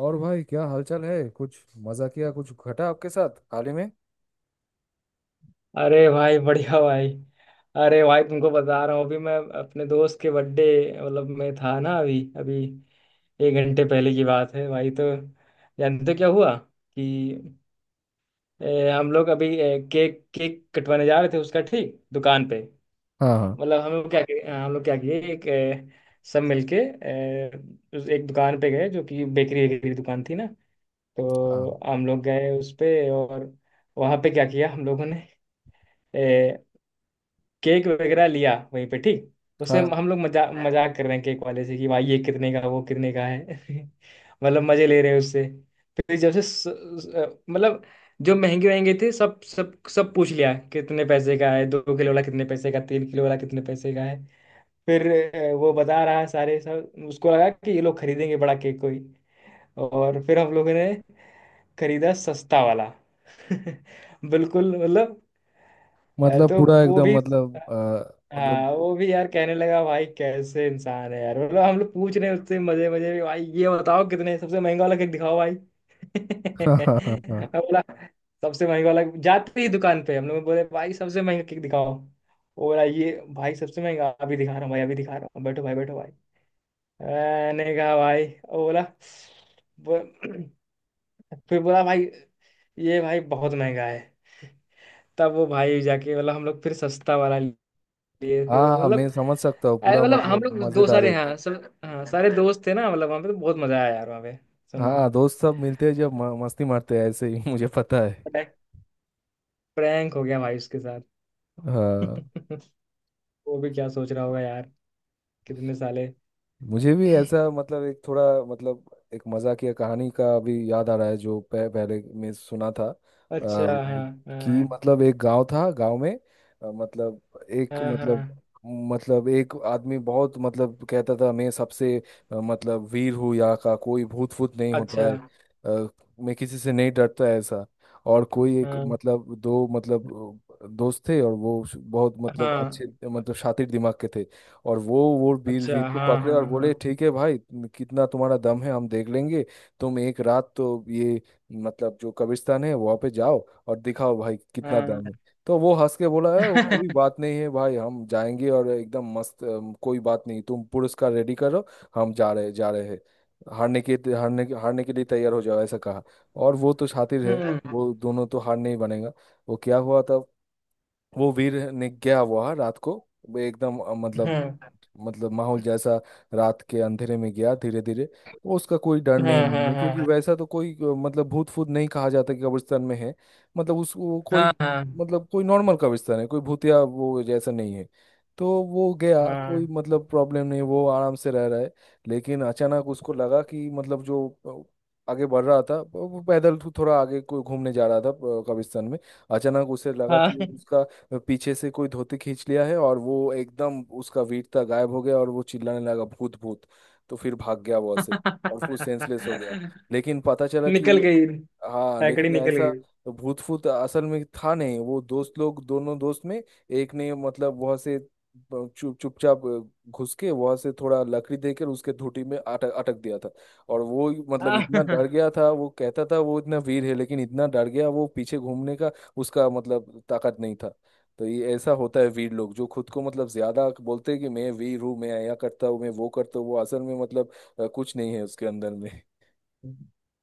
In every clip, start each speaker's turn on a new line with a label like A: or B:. A: और भाई, क्या हालचाल है? कुछ मजा किया, कुछ घटा आपके साथ हाल ही में?
B: अरे भाई, बढ़िया भाई। अरे भाई, तुमको बता रहा हूँ अभी। मैं अपने दोस्त के बर्थडे मतलब मैं था ना, अभी अभी, एक घंटे पहले की बात है भाई। तो जानते हो क्या हुआ कि हम लोग अभी केक केक कटवाने जा रहे थे उसका, ठीक, दुकान पे।
A: हाँ, हाँ,
B: मतलब हम लोग क्या किए, हम लोग क्या किए, एक सब मिलके उस एक दुकान पे गए जो कि बेकरी वेकरी की दुकान थी ना।
A: हाँ,
B: तो हम लोग गए उस पे, और वहाँ पे क्या किया हम लोगों ने, केक वगैरह लिया वहीं पे, ठीक। उसमें हम
A: हाँ।
B: हम लोग मजा मजाक कर रहे हैं केक वाले से कि भाई ये कितने का, वो कितने का है मतलब मजे ले रहे हैं उससे। फिर जब से मतलब जो महंगे महंगे थे सब सब सब पूछ लिया कितने पैसे का है, दो किलो वाला कितने पैसे का, तीन किलो वाला कितने पैसे का है। फिर वो बता रहा है सारे, सब। उसको लगा कि ये लोग खरीदेंगे बड़ा केक कोई, और फिर हम लोगों ने खरीदा सस्ता वाला बिल्कुल मतलब
A: मतलब
B: तो
A: पूरा
B: वो
A: एकदम,
B: भी,
A: मतलब मतलब।
B: हाँ वो भी यार कहने लगा भाई कैसे इंसान है यार। मतलब हम लोग पूछ रहे हैं उससे मजे मजे में भाई ये बताओ, कितने, सबसे महंगा वाला केक दिखाओ भाई
A: हाँ, हाँ, हाँ, हाँ।
B: मैं बोला सबसे महंगा वाला, जाते ही दुकान पे हम लोग बोले भाई सबसे महंगा केक दिखाओ। वो बोला ये भाई सबसे महंगा, अभी दिखा रहा हूँ भाई, अभी दिखा रहा हूँ, बैठो भाई बैठो भाई। मैंने कहा भाई, वो बोला बो- फिर बोला भाई ये भाई बहुत महंगा है। तब वो भाई जाके बोला, हम लोग फिर सस्ता वाला लिए, फिर
A: हाँ,
B: वो-
A: हाँ, मैं
B: मतलब,
A: समझ सकता हूँ
B: अरे
A: पूरा,
B: मतलब हम
A: मतलब
B: लोग दो
A: मजेदार
B: सारे
A: एक।
B: हैं, सब हाँ, सारे दोस्त थे ना मतलब वहाँ पे, तो बहुत मजा आया यार वहाँ पे। सुन के
A: हाँ, दोस्त सब मिलते हैं जब मस्ती मारते हैं ऐसे ही। मुझे पता है।
B: प्रैंक हो गया भाई उसके साथ
A: हाँ,
B: वो भी क्या सोच रहा होगा यार, कितने साले।
A: मुझे भी ऐसा, मतलब एक थोड़ा, मतलब एक मजाकिया कहानी का भी याद आ रहा है, जो पहले मैं सुना था।
B: अच्छा, हाँ
A: कि
B: हाँ
A: मतलब एक गांव था गांव में, मतलब एक,
B: हाँ हाँ।
A: मतलब एक आदमी बहुत, मतलब कहता था मैं सबसे, मतलब वीर हूँ, यहाँ का कोई भूत फूत नहीं होता
B: अच्छा,
A: है। अ, मैं किसी से नहीं डरता है, ऐसा। और कोई एक,
B: हाँ
A: मतलब दो, मतलब दोस्त थे, और वो बहुत, मतलब अच्छे,
B: हाँ।
A: मतलब शातिर दिमाग के थे। और वो वीर
B: अच्छा,
A: वीर को
B: हाँ
A: पकड़े
B: हाँ
A: और
B: हाँ
A: बोले, ठीक है भाई, कितना तुम्हारा दम है हम देख लेंगे। तुम एक रात तो ये, मतलब जो कब्रिस्तान है वहाँ पे जाओ, और दिखाओ भाई कितना दम
B: हाँ
A: है। तो वो हंस के बोला है, कोई बात नहीं है भाई, हम जाएंगे और एकदम मस्त, कोई बात नहीं, तुम पुरस्कार रेडी करो। हम जा रहे हैं। हारने के लिए तैयार हो जाओ, ऐसा कहा। और वो तो शातिर है,
B: हम्म,
A: वो दोनों तो हार नहीं बनेगा। वो क्या हुआ था? वो वीर ने गया हुआ रात को, वो एकदम, मतलब
B: हम्म,
A: माहौल जैसा। रात के अंधेरे में गया धीरे धीरे। वो उसका कोई डर नहीं
B: हाँ
A: मन
B: हाँ
A: में क्योंकि
B: हाँ
A: वैसा तो कोई, मतलब भूत फूत नहीं कहा जाता कि कब्रिस्तान में है। मतलब उस, वो
B: हाँ
A: कोई,
B: हाँ
A: मतलब कोई नॉर्मल कब्रिस्तान है, कोई भूतिया वो जैसा नहीं है। तो वो गया, कोई
B: हाँ
A: मतलब प्रॉब्लम नहीं, वो आराम से रह रहा है। लेकिन अचानक उसको लगा कि मतलब जो आगे बढ़ रहा था, वो पैदल थोड़ा आगे कोई घूमने जा रहा था, कब्रिस्तान में। अचानक उसे लगा कि
B: हाँ
A: उसका पीछे से कोई धोती खींच लिया है, और वो एकदम उसका वीरता गायब हो गया, और वो चिल्लाने लगा भूत, भूत। तो फिर भाग गया वहां से और फिर सेंसलेस हो गया। लेकिन पता चला कि,
B: निकल गई,
A: हाँ,
B: हैकड़ी
A: लेकिन
B: निकल
A: ऐसा
B: गई।
A: भूत फूत असल में था नहीं, वो दोस्त लोग दोनों दोस्त में, एक ने मतलब वहां से चुप चुपचाप घुस के वहां से थोड़ा लकड़ी देकर उसके धूटी में अटक अटक दिया था। और वो, मतलब इतना डर
B: हाँ,
A: गया था, वो कहता था वो इतना वीर है लेकिन इतना डर गया, वो पीछे घूमने का उसका मतलब ताकत नहीं था। तो ये ऐसा होता है, वीर लोग जो खुद को मतलब ज्यादा बोलते हैं कि मैं वीर हूँ, मैं यह करता हूँ, मैं वो करता हूँ, वो असल में मतलब कुछ नहीं है उसके अंदर में।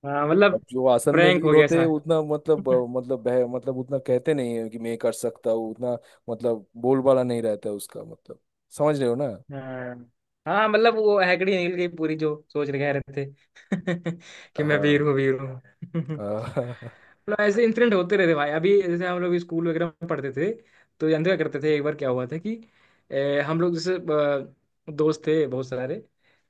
B: हाँ,
A: और
B: मतलब
A: जो असल में
B: प्रैंक
A: वीर
B: हो गया
A: होते हैं
B: सा।
A: उतना मतलब अ, मतलब बह मतलब उतना कहते नहीं है कि मैं कर सकता हूँ उतना, मतलब बोलबाला नहीं रहता है उसका, मतलब। समझ रहे हो ना?
B: हाँ हाँ, मतलब वो हैकड़ी निकल गई पूरी, जो सोच रहे कह रहे थे कि मैं वीर
A: हाँ,
B: हूँ, वीर हूँ
A: हाँ।
B: मतलब ऐसे इंसिडेंट होते रहते भाई। अभी जैसे हम लोग स्कूल वगैरह में पढ़ते थे तो जानते क्या करते थे, एक बार क्या हुआ था कि हम लोग जैसे दोस्त थे बहुत सारे,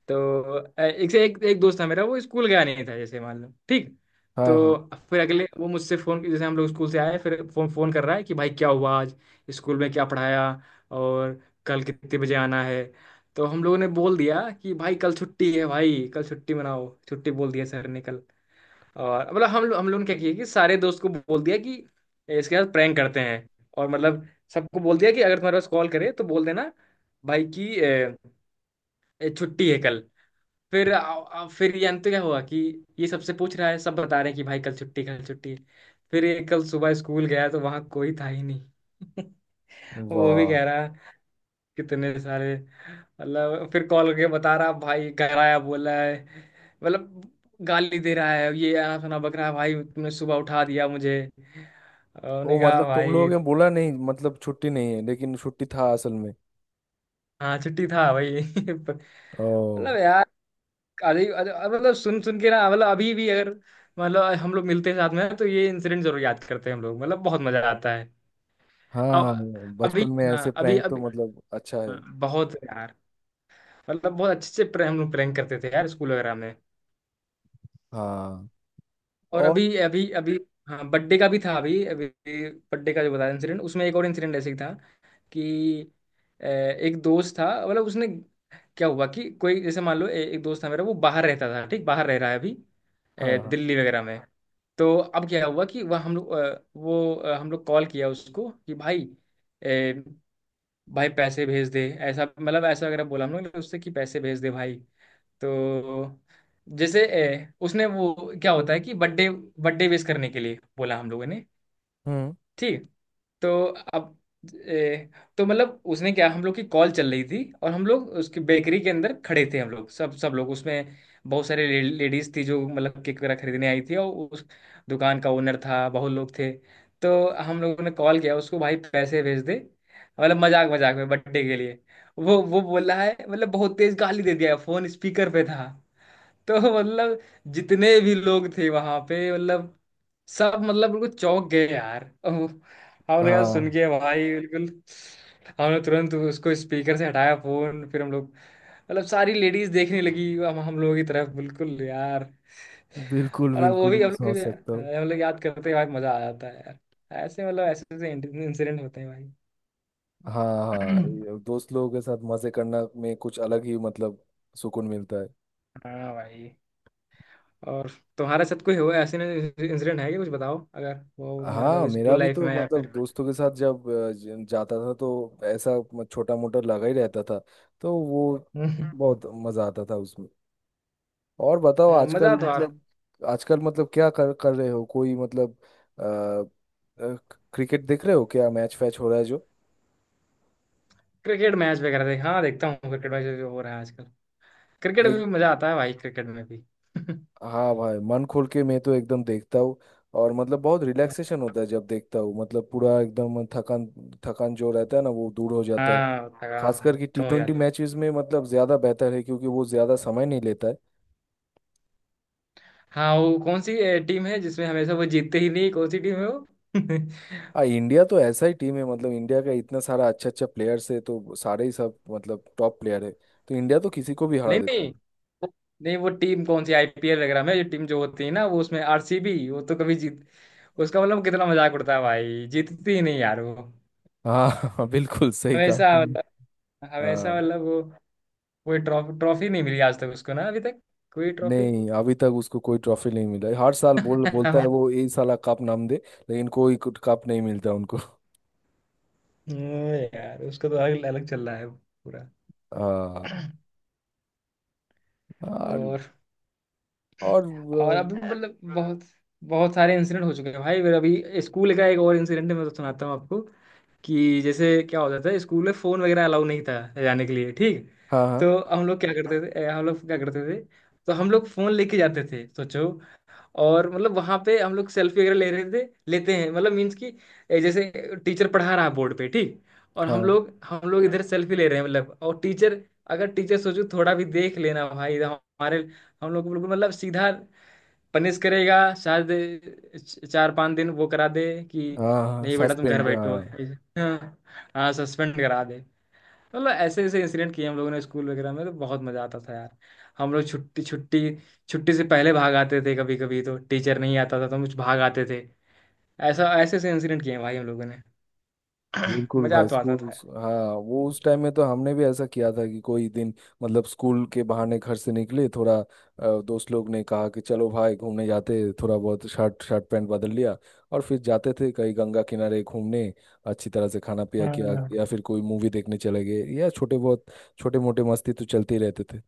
B: तो एक से एक, एक दोस्त था मेरा, वो स्कूल गया नहीं था जैसे, मान लो, ठीक।
A: हाँ,
B: तो
A: हाँ।
B: फिर अगले वो मुझसे फोन, जैसे हम लोग स्कूल से आए, फिर फोन फोन कर रहा है कि भाई क्या हुआ आज, स्कूल में क्या पढ़ाया, और कल कितने बजे आना है। तो हम लोगों ने बोल दिया कि भाई कल छुट्टी है भाई, कल छुट्टी मनाओ, छुट्टी बोल दिया सर ने कल। और मतलब हम लोग ने क्या किया कि सारे दोस्त को बोल दिया कि इसके साथ प्रैंक करते हैं, और मतलब सबको बोल दिया कि अगर तुम्हारे पास कॉल करे तो बोल देना भाई की छुट्टी है कल। फिर आ, आ, फिर जानते क्या हुआ कि ये सबसे पूछ रहा है, सब बता रहे हैं कि भाई कल छुट्टी, कल छुट्टी। फिर ये कल सुबह स्कूल गया तो वहां कोई था ही नहीं वो भी
A: वाह,
B: कह रहा कितने सारे, मतलब फिर कॉल करके बता रहा भाई घर आया बोला है, मतलब गाली दे रहा है ये, आना सुना बकरा भाई तुमने सुबह उठा दिया मुझे। और उन्होंने
A: वो
B: कहा
A: मतलब तुम लोगों
B: भाई,
A: ने बोला नहीं मतलब छुट्टी नहीं है, लेकिन छुट्टी था असल में?
B: हाँ छुट्टी था भाई मतलब
A: ओ।
B: यार अजीब अजीब- मतलब सुन सुन के ना, मतलब अभी भी अगर मतलब हम लोग मिलते हैं साथ में तो ये इंसिडेंट जरूर याद करते हैं हम लोग, मतलब बहुत मजा आता है।
A: हाँ,
B: अब
A: हाँ,
B: अभी,
A: बचपन में ऐसे
B: हाँ अभी
A: प्रैंक तो
B: अभी,
A: मतलब अच्छा
B: हाँ,
A: है।
B: बहुत यार। मतलब बहुत अच्छे से हम लोग प्रैंक करते थे यार स्कूल वगैरह में,
A: हाँ।
B: और
A: और।
B: अभी अभी अभी, हाँ बर्थडे का भी था अभी अभी। बर्थडे का जो बताया इंसिडेंट, उसमें एक और इंसिडेंट ऐसे ही था कि एक दोस्त था, मतलब उसने क्या हुआ कि कोई जैसे, मान लो एक दोस्त था मेरा, वो बाहर रहता था ठीक, बाहर रह रहा है अभी
A: हाँ, हाँ।
B: दिल्ली वगैरह में। तो अब क्या हुआ कि वह हम लोग वो हम लोग कॉल किया उसको कि भाई अ, भाई पैसे भेज दे, ऐसा मतलब ऐसा वगैरह बोला हम लोग ने उससे कि पैसे भेज दे भाई। तो जैसे उसने वो क्या होता है कि बर्थडे बर्थडे विश करने के लिए बोला हम लोगों ने,
A: हम्म।
B: ठीक। तो अब ए, तो मतलब उसने क्या, हम लोग की कॉल चल रही थी और हम लोग उसकी बेकरी के अंदर खड़े थे हम लोग, सब सब लोग उसमें, बहुत सारे लेडीज थी जो मतलब केक वगैरह खरीदने आई थी, और उस दुकान का ओनर था, बहुत लोग थे। तो हम लोगों ने कॉल किया उसको भाई पैसे भेज दे, मतलब मजाक मजाक में बर्थडे के लिए। वो बोल रहा है, मतलब बहुत तेज गाली दे दिया, फोन स्पीकर पे था तो मतलब जितने भी लोग थे वहां पे मतलब, सब मतलब बिल्कुल चौंक गए यार। ओह, हम लगा सुन
A: हाँ,
B: के भाई बिल्कुल। हमने तुरंत उसको स्पीकर से हटाया फोन, फिर हम लोग मतलब सारी लेडीज देखने लगी हम लोगों की तरफ बिल्कुल यार।
A: बिल्कुल
B: और वो
A: बिल्कुल
B: भी,
A: मैं
B: हम लोग
A: समझ
B: भी-
A: सकता हूँ।
B: हम लोग याद करते हैं भाई, मजा आ जाता है यार ऐसे। मतलब ऐसे ऐसे इंसिडेंट होते हैं भाई
A: हाँ, हाँ, ये दोस्त लोगों के साथ मजे करना में कुछ अलग ही, मतलब सुकून मिलता है।
B: हाँ भाई। और तुम्हारे साथ कोई हुआ ऐसे इंसिडेंट है कि कुछ बताओ, अगर वो तुम्हारे
A: हाँ,
B: साथ
A: मेरा
B: स्कूल
A: भी
B: लाइफ
A: तो
B: में या
A: मतलब
B: फिर
A: दोस्तों के साथ जब जाता था तो ऐसा छोटा मोटा लगा ही रहता था। तो वो बहुत मजा आता था उसमें। और बताओ
B: मजा
A: आजकल,
B: तो आप।
A: मतलब क्या कर कर रहे हो, कोई मतलब अ, अ, क्रिकेट देख रहे हो, क्या मैच फैच हो रहा है
B: क्रिकेट मैच वगैरह देख, हाँ देखता हूँ क्रिकेट मैच जो हो रहा है आजकल। क्रिकेट में
A: जो?
B: भी मजा आता है भाई, क्रिकेट में भी
A: हाँ भाई, मन खोल के मैं तो एकदम देखता हूँ। और मतलब बहुत रिलैक्सेशन होता है जब देखता हूँ, मतलब पूरा एकदम थकान। थकान जो रहता है ना, वो दूर हो जाता है।
B: हाँ,
A: खासकर
B: थकान
A: कि टी
B: कम हो
A: ट्वेंटी
B: जाता
A: मैचेस में, मतलब ज़्यादा बेहतर है क्योंकि वो ज़्यादा समय नहीं लेता है।
B: है। हाँ, वो कौन सी टीम है जिसमें हमेशा वो जीतते ही नहीं, कौन सी टीम है वो नहीं,
A: आ इंडिया तो ऐसा ही टीम है, मतलब इंडिया का इतना सारा अच्छा अच्छा प्लेयर्स है, तो सारे ही सब मतलब टॉप प्लेयर है। तो इंडिया तो किसी को भी हरा देता
B: नहीं
A: है।
B: वो-, नहीं वो टीम कौन सी, आईपीएल वगैरह में जो टीम जो होती है ना वो, उसमें आरसीबी, वो तो कभी जीत, उसका मतलब कितना मजाक उड़ता है भाई, जीतती ही नहीं यार वो,
A: हाँ। बिल्कुल सही कहा
B: हमेशा
A: तुम।
B: मतलब, हमेशा
A: हाँ,
B: मतलब वो कोई ट्रॉफी ट्रॉफी नहीं मिली आज तक उसको ना, अभी तक कोई ट्रॉफी
A: नहीं अभी तक उसको कोई ट्रॉफी नहीं मिला है। हर साल बोलता है वो ये साला कप नाम दे। लेकिन कोई कप नहीं मिलता उनको।
B: यार उसको तो अलग अलग चल रहा है पूरा।
A: हाँ। और
B: और
A: और
B: और अभी मतलब बहुत, बहुत सारे इंसिडेंट हो चुके हैं भाई मेरा। अभी स्कूल का एक और इंसिडेंट मैं तो सुनाता हूँ आपको कि जैसे क्या होता था स्कूल में फ़ोन वगैरह अलाउ नहीं था, जाने के लिए, ठीक।
A: हाँ, हाँ,
B: तो हम लोग क्या करते थे, हम लोग क्या करते थे, तो हम लोग फ़ोन लेके जाते थे सोचो, और मतलब वहां पे हम लोग सेल्फी वगैरह ले रहे थे, लेते हैं मतलब, मीन्स कि जैसे टीचर पढ़ा रहा है बोर्ड पे ठीक, और हम
A: हाँ,
B: लोग हम लोग इधर सेल्फी ले रहे हैं मतलब। और टीचर अगर, टीचर सोचो थोड़ा भी देख लेना भाई इधर हमारे, हम लोग को बिल्कुल मतलब सीधा पनिश करेगा। शायद चार पांच दिन वो करा दे कि
A: हाँ,
B: नहीं बेटा तुम घर
A: सस्पेंड, हाँ,
B: बैठो,
A: suspend, हाँ।
B: हाँ, हाँ सस्पेंड करा दे। मतलब ऐसे ऐसे इंसिडेंट किए हम लोगों ने स्कूल वगैरह में, तो बहुत मजा आता था यार। हम लोग छुट्टी छुट्टी, छुट्टी से पहले भाग आते थे, कभी कभी तो टीचर नहीं आता था तो हम भाग आते थे। ऐसा ऐसे ऐसे इंसिडेंट किए हैं भाई हम लोगों ने
A: बिल्कुल
B: मजा
A: भाई,
B: तो आता
A: स्कूल।
B: था यार।
A: हाँ वो उस टाइम में तो हमने भी ऐसा किया था कि कोई दिन मतलब स्कूल के बहाने घर से निकले, थोड़ा दोस्त लोग ने कहा कि चलो भाई घूमने जाते हैं, थोड़ा बहुत शर्ट शर्ट पैंट बदल लिया। और फिर जाते थे कहीं गंगा किनारे घूमने, अच्छी तरह से खाना पिया किया,
B: हाँ
A: या फिर कोई मूवी देखने चले गए, या छोटे बहुत छोटे मोटे मस्ती तो चलते ही रहते थे।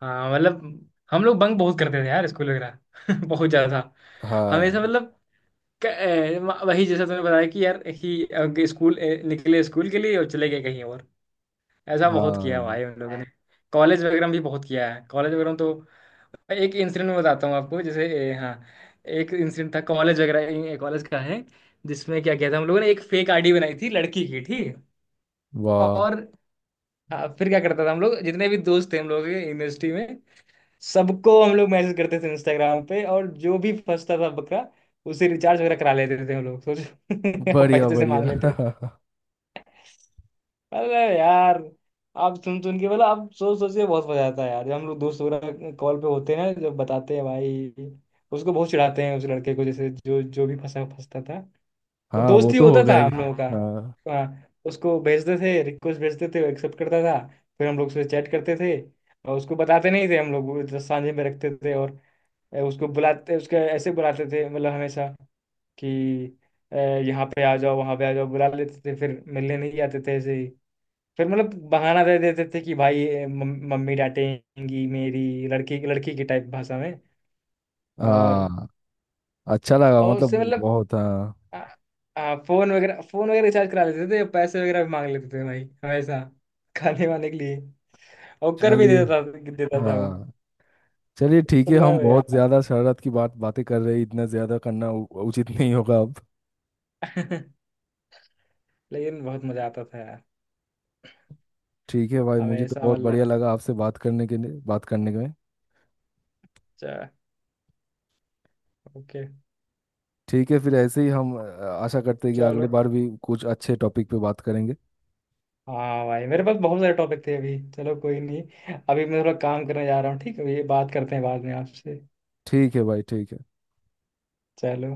B: हाँ मतलब हम लोग बंक बहुत करते थे यार स्कूल वगैरह बहुत ज्यादा। हमेशा
A: हाँ,
B: मतलब क- ए, वही जैसा तुमने बताया कि यार ही स्कूल निकले स्कूल के लिए और चले गए कहीं और, ऐसा बहुत किया है
A: हाँ,
B: भाई हम लोगों ने। कॉलेज वगैरह में भी बहुत किया है। कॉलेज वगैरह में तो एक इंसिडेंट मैं बताता हूँ आपको जैसे हाँ, एक इंसिडेंट था कॉलेज वगैरह, कॉलेज का है, जिसमें क्या किया था हम लोगों ने, एक फेक आईडी बनाई थी लड़की की, ठीक है?
A: वाह,
B: और हाँ, फिर क्या करता था हम लोग, जितने भी दोस्त थे हम लोग के यूनिवर्सिटी में, सबको हम लोग मैसेज करते थे इंस्टाग्राम पे, और जो भी फंसता था बकरा उसे रिचार्ज वगैरह करा लेते थे हम लोग, सोचो
A: बढ़िया,
B: पैसे से
A: बढ़िया।
B: मांग लेते। अरे यार, आप सुन सुन के बोला, आप सोच सोच के बहुत मजा आता है यार। जब हम लोग दोस्त वगैरह कॉल पे होते हैं ना, जब बताते हैं भाई उसको, बहुत चिढ़ाते हैं उस लड़के को जैसे, जो जो भी फंसा फंसता था, और
A: हाँ, वो
B: दोस्त ही
A: तो
B: होता
A: होगा
B: था
A: ही।
B: हम लोगों का।
A: हाँ,
B: हाँ, उसको भेजते थे रिक्वेस्ट, भेजते थे, एक्सेप्ट करता था, फिर हम लोग उससे चैट करते थे। और उसको बताते नहीं थे हम लोग, वो तो सांझे में रखते थे, और उसको बुलाते उसके ऐसे बुलाते थे मतलब हमेशा कि यहाँ पे आ जाओ वहाँ पे आ जाओ, बुला लेते थे फिर मिलने नहीं आते थे ऐसे ही। फिर मतलब बहाना दे देते थे कि भाई मम्मी डांटेंगी मेरी, लड़की लड़की की टाइप भाषा में, और।
A: हाँ, अच्छा लगा,
B: और
A: मतलब
B: उससे मतलब
A: बहुत। हाँ
B: आ, आ, फोन वगैरह रिचार्ज करा लेते थे, पैसे वगैरह भी मांग लेते थे भाई हमेशा, खाने वाने के लिए, और कर भी
A: चलिए।
B: देता था, देता था वो।
A: हाँ चलिए, ठीक है, हम
B: मतलब
A: बहुत
B: यार
A: ज्यादा शरारत की बात, बातें कर रहे हैं, इतना ज्यादा करना उचित नहीं होगा अब।
B: लेकिन बहुत मजा आता था यार,
A: ठीक है भाई, मुझे तो
B: हमेशा
A: बहुत बढ़िया
B: मतलब।
A: लगा आपसे बात करने के लिए, बात करने में।
B: अच्छा, ओके,
A: ठीक है, फिर ऐसे ही हम आशा करते हैं कि अगले
B: चलो।
A: बार भी कुछ अच्छे टॉपिक पे बात करेंगे।
B: हाँ भाई, मेरे पास बहुत सारे टॉपिक थे अभी, चलो कोई नहीं। अभी मैं थोड़ा काम करने जा रहा हूँ, ठीक है, ये बात करते हैं बाद में आपसे।
A: ठीक है भाई, ठीक है।
B: चलो।